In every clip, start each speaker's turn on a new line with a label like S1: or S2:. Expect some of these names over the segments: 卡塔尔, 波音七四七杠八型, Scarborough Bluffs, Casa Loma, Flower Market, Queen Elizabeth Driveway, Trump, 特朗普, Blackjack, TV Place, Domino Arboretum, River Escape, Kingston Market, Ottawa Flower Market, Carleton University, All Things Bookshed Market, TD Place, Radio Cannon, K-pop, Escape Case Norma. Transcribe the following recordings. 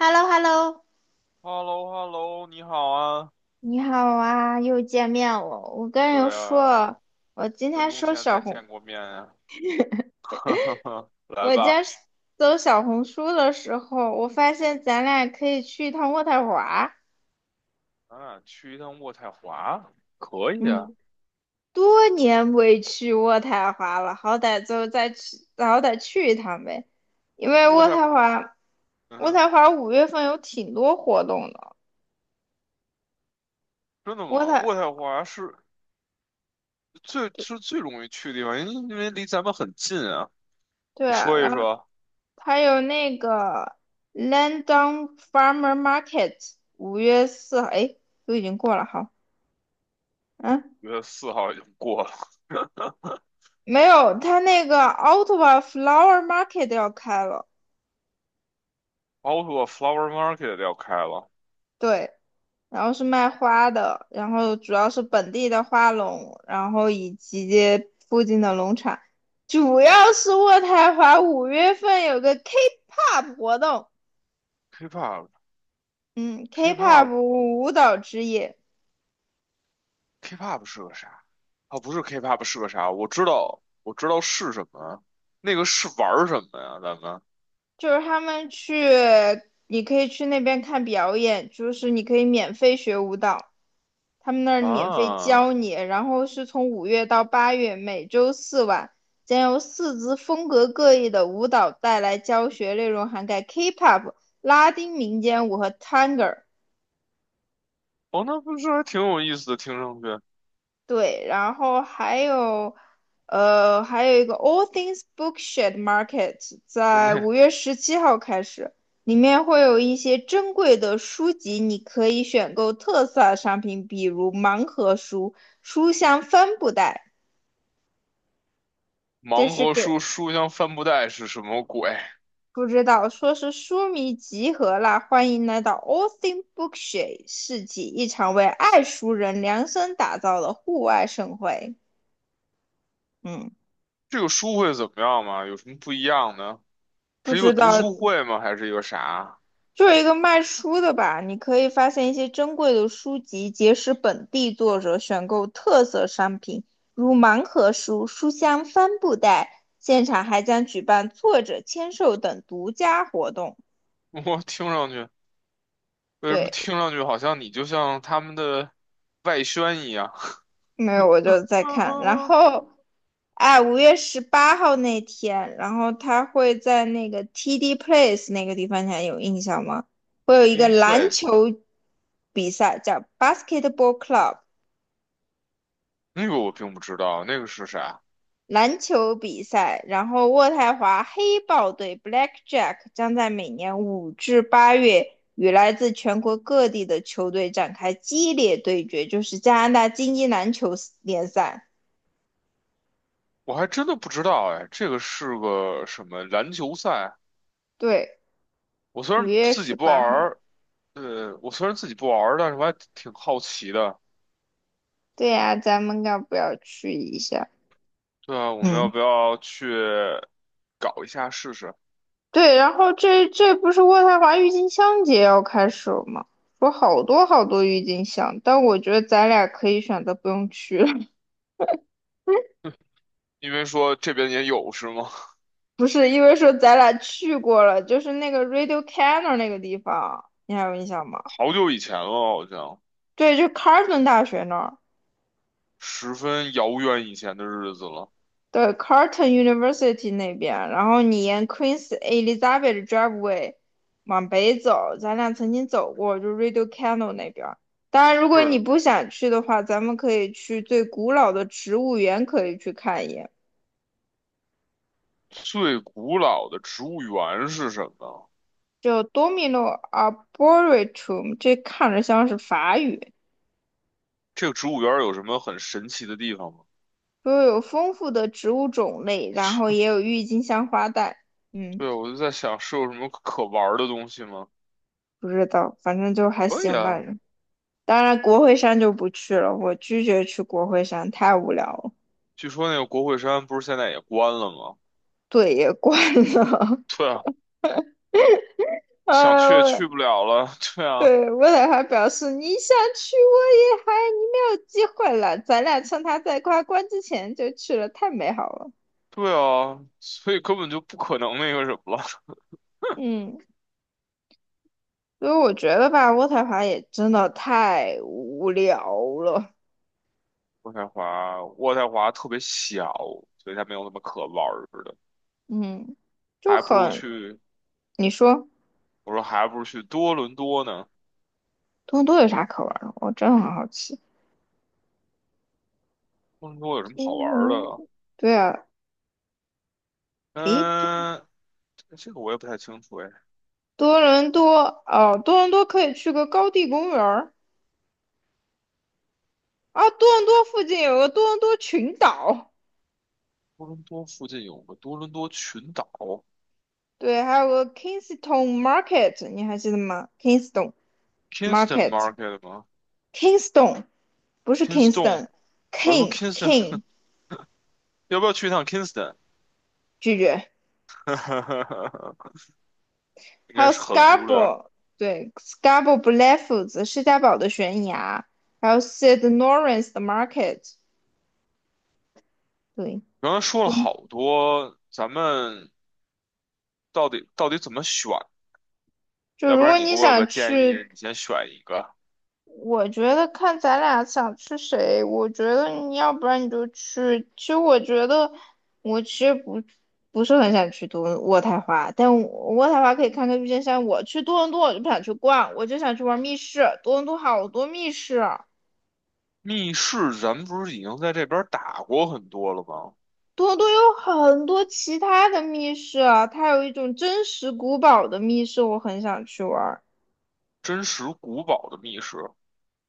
S1: h e l l o h e l l o
S2: h e l l o h e l l o 你好啊。
S1: 你好啊，又见面了。我跟人
S2: 对啊，
S1: 说，我今
S2: 分
S1: 天
S2: 钟
S1: 收
S2: 前
S1: 小
S2: 才
S1: 红，
S2: 见过面呀、啊。来
S1: 我今天
S2: 吧，
S1: 搜小红书的时候，我发现咱俩可以去一趟渥太华。
S2: 咱俩去一趟渥太华，可以啊。
S1: 嗯，多年未去渥太华了，好歹就再去，好歹去一趟呗。因为
S2: 渥
S1: 渥
S2: 太，
S1: 太华，
S2: 嗯
S1: 渥
S2: 哼，
S1: 太华五月份有挺多活动的。
S2: 真的
S1: 渥
S2: 吗？
S1: 太，
S2: 渥太华是最
S1: 对
S2: 是最容易去的地方，因为离咱们很近啊。
S1: 对
S2: 你
S1: 啊，
S2: 说一
S1: 然后。
S2: 说，
S1: 还有那个 London Farmer Market，5月4号，哎，都已经过了，好，嗯。
S2: 五月四号已经过了，
S1: 没有，他那个 Ottawa Flower Market 要开了。
S2: o 包括 Flower Market 要开了
S1: 对，然后是卖花的，然后主要是本地的花农，然后以及附近的农场。主要是渥太华五月份有个 K-pop 活动，嗯，K-pop
S2: ，K-pop，K-pop，K-pop
S1: 舞蹈之夜。
S2: 是个啥？哦，不是 K-pop 是个啥？我知道，我知道是什么。那个是玩儿什么呀？咱们？
S1: 就是他们去，你可以去那边看表演，就是你可以免费学舞蹈，他们那儿免费
S2: 啊，
S1: 教你。然后是从五月到八月，每周四晚，将由四支风格各异的舞蹈带来教学，内容涵盖 K-pop、拉丁民间舞和 t a n 探戈。
S2: 哦，那不是还挺有意思的，听上去。
S1: 对，然后还有，还有一个 All Things Bookshed Market，在
S2: 那
S1: 5月17号开始，里面会有一些珍贵的书籍，你可以选购特色商品，比如盲盒书、书香帆布袋，这
S2: 盲
S1: 是
S2: 盒
S1: 给
S2: 书书香帆布袋是什么鬼？
S1: 不知道说是书迷集合啦，欢迎来到 All Things Bookshed 市集，一场为爱书人量身打造的户外盛会。嗯，
S2: 这个书会怎么样吗？有什么不一样呢？
S1: 不
S2: 是一个
S1: 知
S2: 读书
S1: 道。
S2: 会吗？还是一个啥？
S1: 就是一个卖书的吧，你可以发现一些珍贵的书籍，结识本地作者，选购特色商品，如盲盒书、书香帆布袋。现场还将举办作者签售等独家活动。
S2: 我听上去，为什么
S1: 对，
S2: 听上去好像你就像他们的外宣一样
S1: 没有我
S2: ？TV
S1: 就在
S2: 哈
S1: 看，然
S2: 哈
S1: 后，哎，五月十八号那天，然后他会在那个 TD Place 那个地方，你还有印象吗？会有一
S2: ，T
S1: 个
S2: V
S1: 篮
S2: Place
S1: 球比赛，叫 Basketball Club。
S2: 那个我并不知道，那个是啥？
S1: 篮球比赛，然后渥太华黑豹队 （Blackjack） 将在每年五至八月与来自全国各地的球队展开激烈对决，就是加拿大精英篮球联赛。
S2: 我还真的不知道哎，这个是个什么篮球赛？
S1: 对，
S2: 我虽
S1: 五
S2: 然
S1: 月
S2: 自己
S1: 十
S2: 不
S1: 八号。
S2: 玩，对，我虽然自己不玩儿，但是我还挺好奇的。
S1: 对呀、啊咱们要不要去一下？
S2: 对啊，我们要
S1: 嗯，
S2: 不要去搞一下试试？
S1: 对，然后这不是渥太华郁金香节要开始了吗？说好多好多郁金香，但我觉得咱俩可以选择不用去了。
S2: 因为说这边也有是吗？
S1: 不是，因为说咱俩去过了，就是那个 Radio Cannon 那个地方，你还有印象吗？
S2: 好久以前了，好像
S1: 对，就 c a r l t o n 大学那儿，
S2: 十分遥远以前的日子了。
S1: 对 c a r l t o n University 那边，然后你沿 Queen Elizabeth Driveway 往北走，咱俩曾经走过，就 Radio Cannon 那边。当然，如果
S2: 是
S1: 你
S2: 的，
S1: 不想去的话，咱们可以去最古老的植物园，可以去看一眼，
S2: 最古老的植物园是什么？
S1: 就 Domino Arboretum，这看着像是法语。
S2: 这个植物园有什么很神奇的地方吗？
S1: 不过有丰富的植物种类，然后也有郁金香花带。嗯，
S2: 对，我就在想是有什么可玩儿的东西吗？
S1: 不知道，反正就还
S2: 可以
S1: 行吧。
S2: 啊，
S1: 当然，国会山就不去了，我拒绝去国会山，太无聊了，
S2: 据说那个国会山不是现在也关了吗？
S1: 队也关了。
S2: 对啊，
S1: 啊，
S2: 想去也
S1: 我
S2: 去不了了。对啊。
S1: 对我俩还表示你想去，我也还你没有机会了，咱俩趁他在他关之前就去了，太美好了。
S2: 对啊，所以根本就不可能那个什么了。
S1: 嗯，所以我觉得吧，渥太华也真的太无聊了。
S2: 渥太华，渥太华特别小，所以它没有那么可玩儿的，
S1: 嗯，就
S2: 还不如
S1: 很，
S2: 去，
S1: 你说。
S2: 我说还不如去多伦多呢。
S1: 多伦多有啥可玩的？我真的很好奇。
S2: 多伦多有什么好
S1: 多
S2: 玩儿
S1: 伦，
S2: 的？
S1: 对啊，诶，
S2: 嗯，这个我也不太清楚哎。
S1: 多伦多哦，多伦多可以去个高地公园儿啊。多伦多附近有个多伦多群岛，
S2: 多伦多附近有个多伦多群岛
S1: 对，还有个 Kingston Market，你还记得吗？Kingston
S2: ，Kingston Market 吗
S1: Market，Kingston 不是
S2: ？Kingston，我还说
S1: Kingston，King
S2: Kingston，
S1: King
S2: 要不要去一趟 Kingston？
S1: 拒绝。
S2: 应
S1: 还
S2: 该
S1: 有
S2: 是很无聊。
S1: Scarborough，对，Scarborough Bluffs 施嘉堡的悬崖，还有 Sid n o r n c e 的 Market，对。
S2: 刚才说了好多，咱们到底怎么选
S1: 就
S2: 要不
S1: 如
S2: 然
S1: 果
S2: 你给
S1: 你
S2: 我个
S1: 想
S2: 建
S1: 去，
S2: 议，你先选一个。
S1: 我觉得看咱俩想去谁，我觉得你要不然你就去。其实我觉得我其实不是很想去多卧太华，但渥太华可以看看郁金香。我去多伦多我就不想去逛，我就想去玩密室。多伦多好多密室，
S2: 密室咱们不是已经在这边儿打过很多了吗？
S1: 多伦多有很多其他的密室啊，它有一种真实古堡的密室，我很想去玩。
S2: 真实古堡的密室，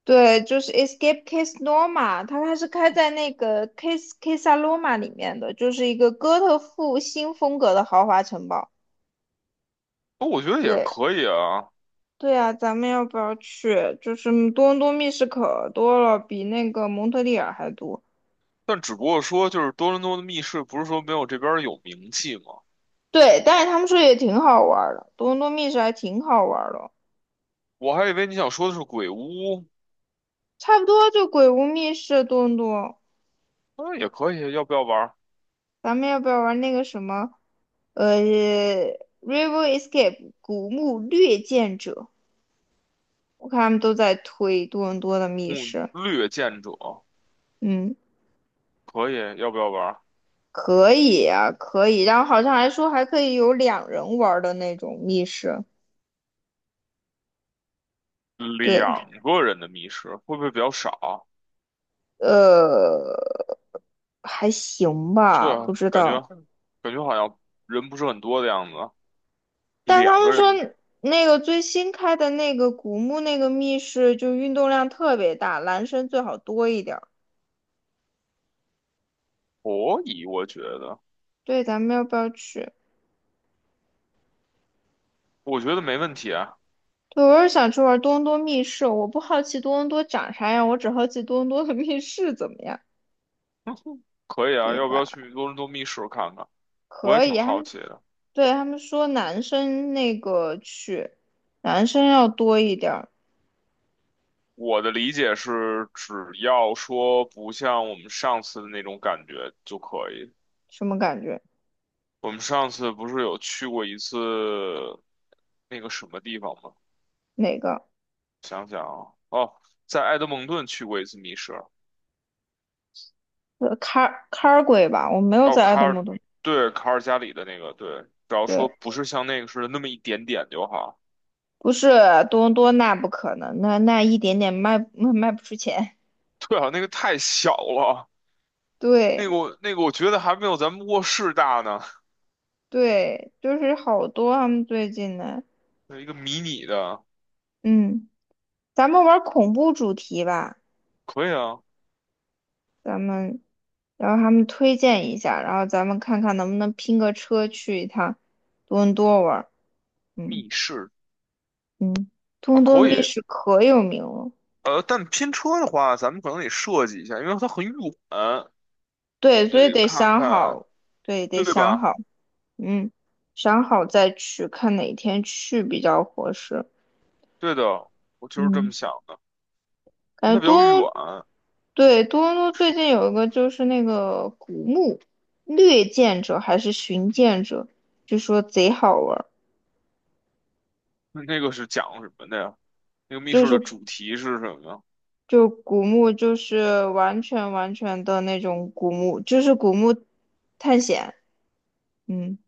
S1: 对，就是 Escape Case Norma，它是开在那个 Case Casa Loma 里面的，就是一个哥特复兴风格的豪华城堡。
S2: 哦我觉得也
S1: 对，
S2: 可以啊。
S1: 对啊，咱们要不要去？就是多伦多密室可多了，比那个蒙特利尔还多。
S2: 但只不过说，就是多伦多的密室不是说没有这边儿有名气吗？
S1: 对，但是他们说也挺好玩儿的，多伦多密室还挺好玩儿的，
S2: 我还以为你想说的是鬼屋，
S1: 差不多就鬼屋密室多伦多。
S2: 那也可以。要不要玩儿
S1: 咱们要不要玩那个什么，呃，River Escape 古墓掠剑者？我看他们都在推多伦多的密
S2: 嗯
S1: 室，
S2: 略剑者？
S1: 嗯，
S2: 可以，要不要玩儿
S1: 可以啊，可以。然后好像还说还可以有两人玩儿的那种密室，对，
S2: 两个人的密室？会不会比较少？
S1: 呃，还行吧，
S2: 对啊，
S1: 不知
S2: 感觉
S1: 道。
S2: 感觉好像人不是很多的样子啊。
S1: 但他
S2: 两
S1: 们
S2: 个人，
S1: 说那个最新开的那个古墓那个密室，就运动量特别大，男生最好多一点儿。
S2: 可以，我觉得，
S1: 对，咱们要不要去？
S2: 我觉得没问题啊，
S1: 对，我是想去玩多伦多密室，我不好奇多伦多长啥样，我只好奇多伦多的 密室怎么样。
S2: 可以啊，
S1: 对
S2: 要不
S1: 吧？
S2: 要去多伦多密室看看？我也
S1: 可
S2: 挺
S1: 以，他
S2: 好
S1: 们
S2: 奇的。
S1: 对他们说男生那个去，男生要多一点儿，
S2: 我的理解是，只要说不像我们上次的那种感觉就可以。
S1: 什么感觉？
S2: 我们上次不是有去过一次那个什么地方吗？
S1: 哪个？
S2: 想想啊，哦，在埃德蒙顿去过一次密室，
S1: C car a r 鬼吧，我没有
S2: 哦，
S1: 在爱
S2: 卡
S1: 德
S2: 尔，
S1: 蒙多，
S2: 对，卡尔加里的那个，对，只要说
S1: 对，
S2: 不是像那个似的那么一点点就好。
S1: 不是多伦多，那不可能，那一点点卖 卖不出钱。
S2: 对啊，那个太小了。那
S1: 对
S2: 个我那个我觉得还没有咱们卧室大呢，
S1: 对，就是好多他们最近的，
S2: 有一个迷你的，
S1: 嗯，咱们玩恐怖主题吧，
S2: 可以啊，
S1: 然后他们推荐一下，然后咱们看看能不能拼个车去一趟多伦多玩儿，嗯。
S2: 密室
S1: 嗯，多
S2: 啊
S1: 伦多
S2: 可
S1: 密
S2: 以，
S1: 室可有名了。
S2: 但拼车的话，咱们可能得设计一下，因为它很远，我
S1: 对，
S2: 们
S1: 所
S2: 就得
S1: 以得
S2: 看
S1: 想
S2: 看，
S1: 好，对，得
S2: 对
S1: 想
S2: 吧？
S1: 好，嗯，想好再去，看哪天去比较合适。
S2: 对的，我就是这么
S1: 嗯，
S2: 想的，因为
S1: 感
S2: 它
S1: 觉
S2: 比较
S1: 多，
S2: 远。
S1: 对，多伦多最近有一个就是那个古墓掠剑者还是寻剑者，据说贼好玩儿，
S2: 那个是讲什么的呀？那个密
S1: 就
S2: 室的
S1: 是
S2: 主题是什么？呀？
S1: 就古墓就是完全完全的那种古墓，就是古墓探险。嗯。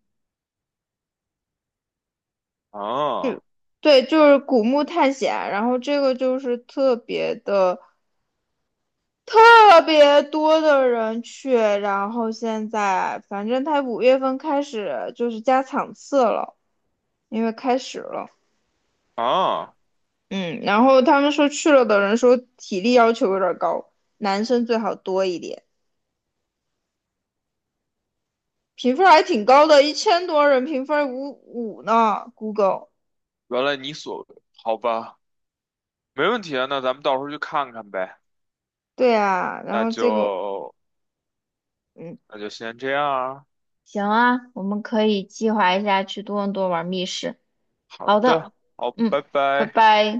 S2: 啊
S1: 对，就是古墓探险，然后这个就是特别的特别多的人去，然后现在反正他五月份开始就是加场次了，因为开始了，
S2: 啊，
S1: 嗯，然后他们说去了的人说体力要求有点高，男生最好多一点，评分还挺高的，一千多人评分五五呢，Google，
S2: 原来你所，好吧，没问题啊，那咱们到时候去看看呗，
S1: 对啊，然
S2: 那
S1: 后这个。
S2: 就
S1: 嗯。
S2: 那就先这样啊。
S1: 行啊，我们可以计划一下去多伦多玩密室。
S2: 好
S1: 好的，
S2: 的，好，
S1: 嗯，
S2: 拜
S1: 拜
S2: 拜。
S1: 拜。